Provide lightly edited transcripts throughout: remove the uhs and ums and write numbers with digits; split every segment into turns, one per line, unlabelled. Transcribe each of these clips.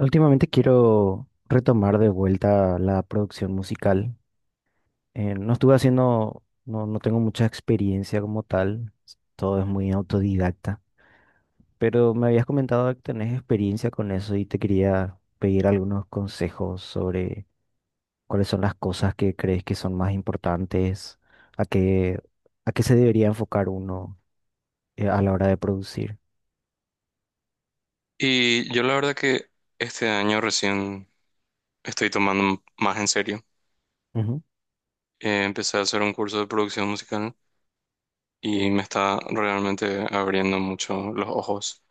Últimamente quiero retomar de vuelta la producción musical. No estuve haciendo, no, no tengo mucha experiencia como tal, todo es muy autodidacta, pero me habías comentado que tenés experiencia con eso y te quería pedir algunos consejos sobre cuáles son las cosas que crees que son más importantes, a qué, a qué se debería enfocar uno a la hora de producir.
Y yo la verdad que este año recién estoy tomando más en serio.
Ujú.
Empecé a hacer un curso de producción musical y me está realmente abriendo mucho los ojos.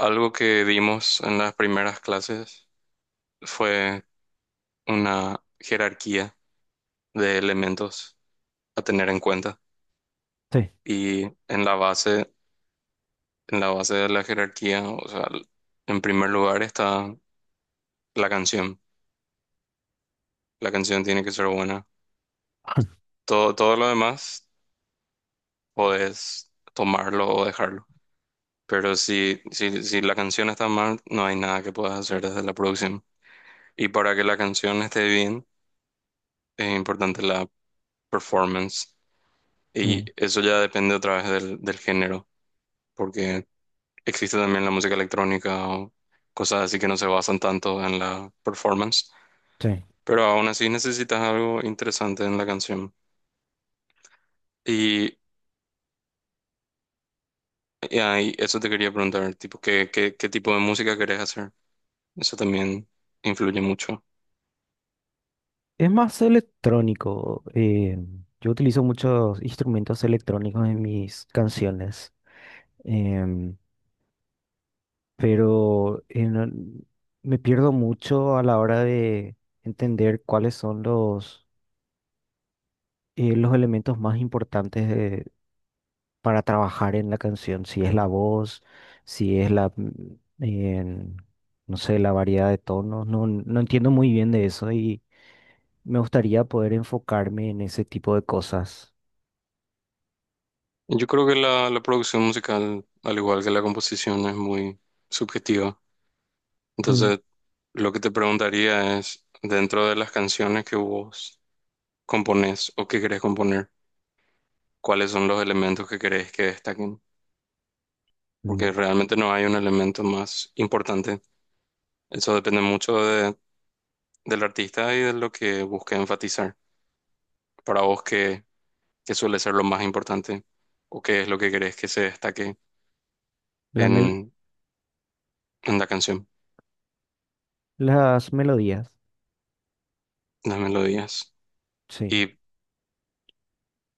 Algo que vimos en las primeras clases fue una jerarquía de elementos a tener en cuenta.
Sí.
Y en la base, en la base de la jerarquía, o sea, en primer lugar está la canción. La canción tiene que ser buena. Todo lo demás podés tomarlo o dejarlo. Pero si la canción está mal, no hay nada que puedas hacer desde la producción. Y para que la canción esté bien, es importante la performance. Y
Mm.
eso ya depende otra vez del género, porque existe también la música electrónica o cosas así que no se basan tanto en la performance.
Sí.
Pero aún así necesitas algo interesante en la canción. Y, y ahí, eso te quería preguntar, tipo, ¿qué tipo de música querés hacer? Eso también influye mucho.
Es más electrónico. Yo utilizo muchos instrumentos electrónicos en mis canciones, em, pero en el- me pierdo mucho a la hora de entender cuáles son los elementos más importantes para trabajar en la canción. Si es la voz, si es la, en, no sé, la variedad de tonos. No, no entiendo muy bien de eso y me gustaría poder enfocarme en ese tipo de cosas.
Yo creo que la producción musical, al igual que la composición, es muy subjetiva.
Mm.
Entonces, lo que te preguntaría es, dentro de las canciones que vos componés o que querés componer, ¿cuáles son los elementos que querés que destaquen? Porque
Mm.
realmente no hay un elemento más importante. Eso depende mucho de- del artista y de lo que busque enfatizar. Para vos, ¿qué suele ser lo más importante? ¿O qué es lo que querés que se destaque
La mel-
en, en la canción,
las melodías,
en las melodías?
sí.
Y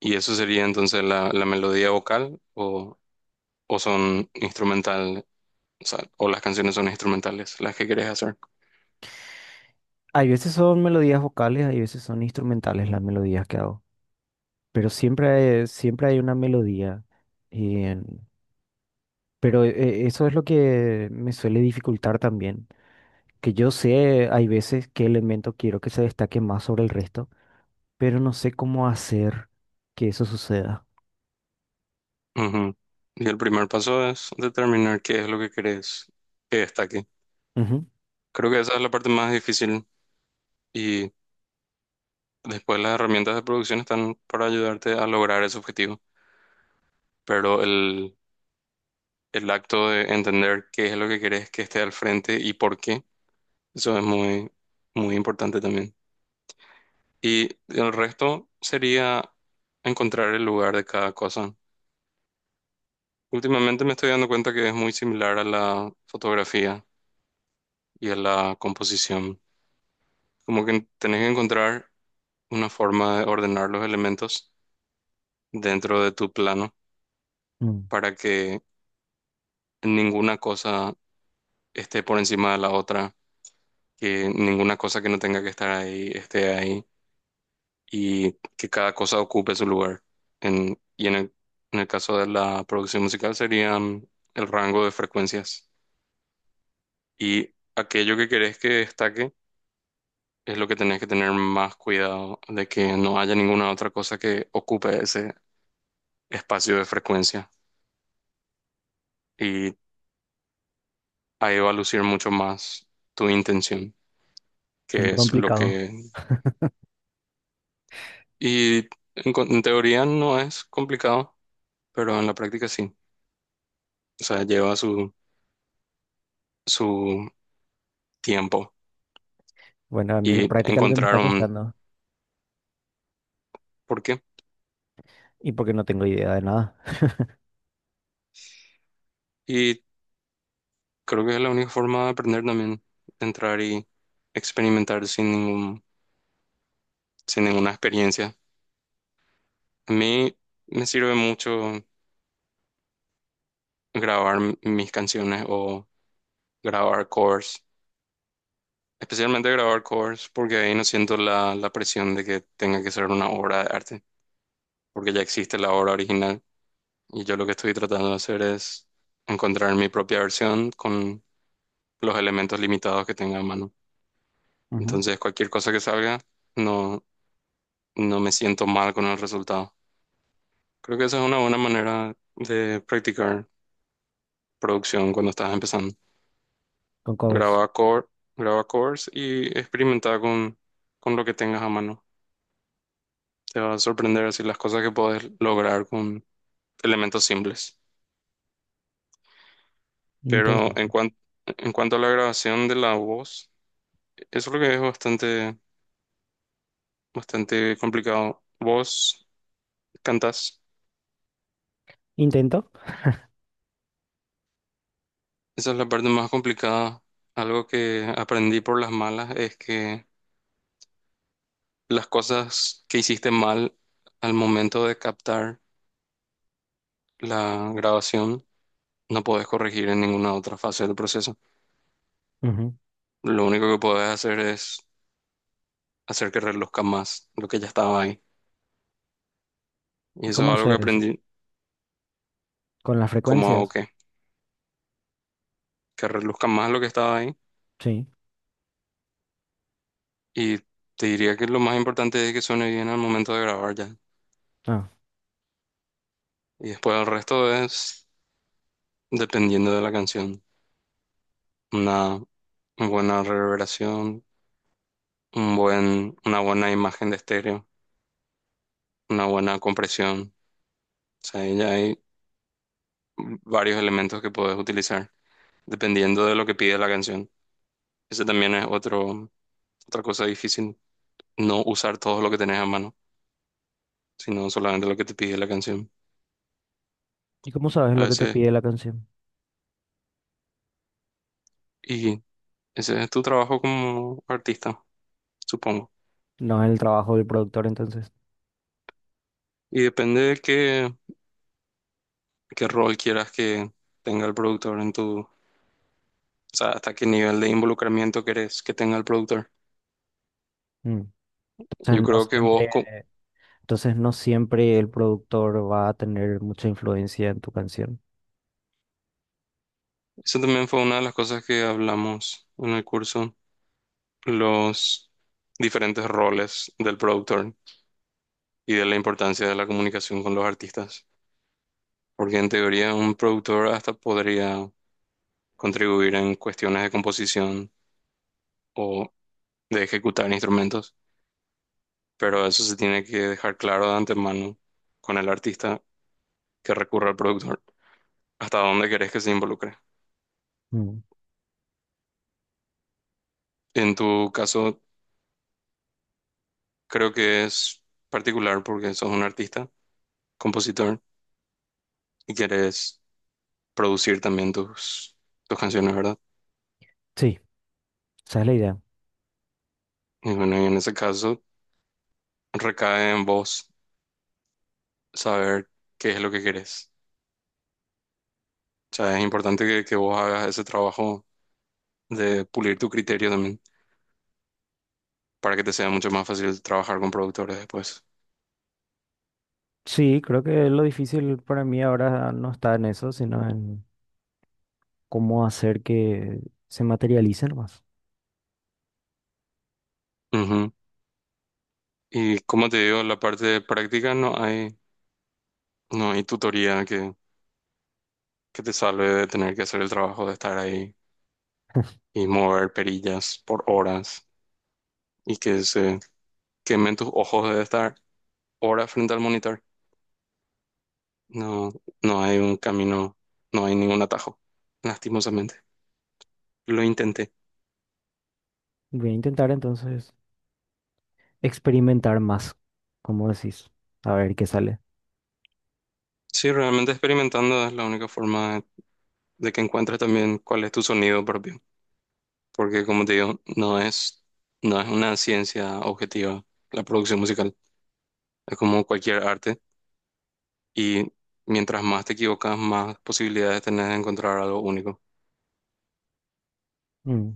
¿Y eso sería entonces la melodía vocal o son instrumental, o sea, o las canciones son instrumentales, las que querés hacer?
Hay veces son melodías vocales, hay veces son instrumentales las melodías que hago. Pero siempre hay una melodía. eh, Eso es lo que me suele dificultar también. Que yo sé, hay veces qué elemento quiero que se destaque más sobre el resto, pero no sé cómo hacer que eso suceda.
Ujú. Y el primer paso es determinar qué es lo que querés que destaque.
Ujú.
Creo que esa es la parte más difícil y después las herramientas de producción están para ayudarte a lograr ese objetivo, pero el acto de entender qué es lo que querés que esté al frente y por qué, eso es muy importante también. Y el resto sería encontrar el lugar de cada cosa. Últimamente me estoy dando cuenta que es muy similar a la fotografía y a la composición. Como que tenés que encontrar una forma de ordenar los elementos dentro de tu plano
Mm.
para que ninguna cosa esté por encima de la otra, que ninguna cosa que no tenga que estar ahí esté ahí, y que cada cosa ocupe su lugar. En, y en el, en el caso de la producción musical serían el rango de frecuencias. Y aquello que querés que destaque es lo que tenés que tener más cuidado de que no haya ninguna otra cosa que ocupe ese espacio de frecuencia. Y ahí va a lucir mucho más tu intención,
Suena
que es lo
complicado.
que... Y en, co- en teoría no es complicado, pero en la práctica sí. O sea, lleva su tiempo,
Bueno, a mí la
y
práctica es lo que me
encontrar
está
un
costando.
por qué.
Y porque no tengo idea de nada.
Y creo que es la única forma de aprender también, de entrar y experimentar sin sin ninguna experiencia. A mí me sirve mucho grabar m- mis canciones o grabar covers, especialmente grabar covers porque ahí no siento la presión de que tenga que ser una obra de arte, porque ya existe la obra original y yo lo que estoy tratando de hacer es encontrar mi propia versión con los elementos limitados que tenga a mano.
Ujú.
Entonces, cualquier cosa que salga, no, no me siento mal con el resultado. Creo que esa es una buena manera de practicar producción cuando estás empezando.
Con covers.
Graba core, graba covers y experimenta con lo que tengas a mano. Te va a sorprender así las cosas que puedes lograr con elementos simples. Pero en
Interesante.
cuan- en cuanto a la grabación de la voz, eso es lo que es bastante complicado. ¿Vos cantas?
Intento.
Esa es la parte más complicada. Algo que aprendí por las malas es que las cosas que hiciste mal al momento de captar la grabación no podés corregir en ninguna otra fase del proceso.
Ujú.
Lo único que podés hacer es hacer que reluzca más lo que ya estaba ahí. Y
¿Y
eso es
cómo
algo que
hacer eso?
aprendí,
Con las
como hago
frecuencias.
que reluzca más lo que estaba ahí.
Sí.
Y te diría que lo más importante es que suene bien al momento de grabar ya.
Ah.
Y después el resto es dependiendo de la canción. Nada, una buena reverberación, un buen, una buena imagen de estéreo, una buena compresión. O sea, ahí ya hay varios elementos que puedes utilizar dependiendo de lo que pide la canción. Ese también es otra cosa difícil, no usar todo lo que tenés a mano, sino solamente lo que te pide la canción.
¿Y cómo sabes
A
lo que te
veces,
pide la canción?
y ese es tu trabajo como artista, supongo.
No es el trabajo del productor, entonces.
Y depende de qué rol quieras que tenga el productor en tu... O sea, hasta qué nivel de involucramiento querés que tenga el productor.
Mm.
Yo
Entonces no
creo que vos,
siempre,
co-
entonces no siempre el productor va a tener mucha influencia en tu canción.
eso también fue una de las cosas que hablamos en el curso, los diferentes roles del productor y de la importancia de la comunicación con los artistas, porque en teoría un productor hasta podría contribuir en cuestiones de composición o de ejecutar instrumentos, pero eso se tiene que dejar claro de antemano con el artista que recurre al productor, hasta dónde querés que se involucre.
Mm.
En tu caso, creo que es particular porque sos un artista compositor y quieres producir también tus canciones, ¿verdad?
Sí, esa es la idea.
Y bueno, y en ese caso recae en vos saber qué es lo que querés. O sea, es importante que vos hagas ese trabajo de pulir tu criterio también para que te sea mucho más fácil trabajar con productores después.
Sí, creo que lo difícil para mí ahora no está en eso, sino en cómo hacer que se materialicen más.
Ujú. Y como te digo, la parte de práctica no hay tutoría que te salve de tener que hacer el trabajo de estar ahí y mover perillas por horas y que se quemen tus ojos de estar hora frente al monitor. No, no hay un camino, no hay ningún atajo, lastimosamente. Lo intenté.
Voy a intentar entonces experimentar más, como decís, a ver qué sale.
Sí, realmente experimentando es la única forma de que encuentres también cuál es tu sonido propio, porque como te digo, no es una ciencia objetiva la producción musical, es como cualquier arte y mientras más te equivocas, más posibilidades tenés de encontrar algo único.
Mm.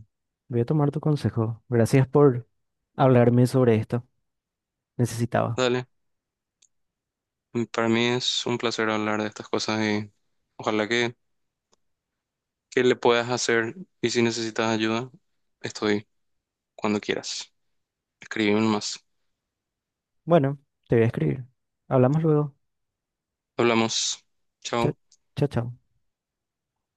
Voy a tomar tu consejo. Gracias por hablarme sobre esto. Necesitaba.
Dale, para mí es un placer hablar de estas cosas y ojalá que le puedas hacer y si necesitas ayuda, estoy cuando quieras. Escríbeme más.
Bueno, te voy a escribir. Hablamos luego.
Hablamos.
Chao,
Chao.
chao, chao.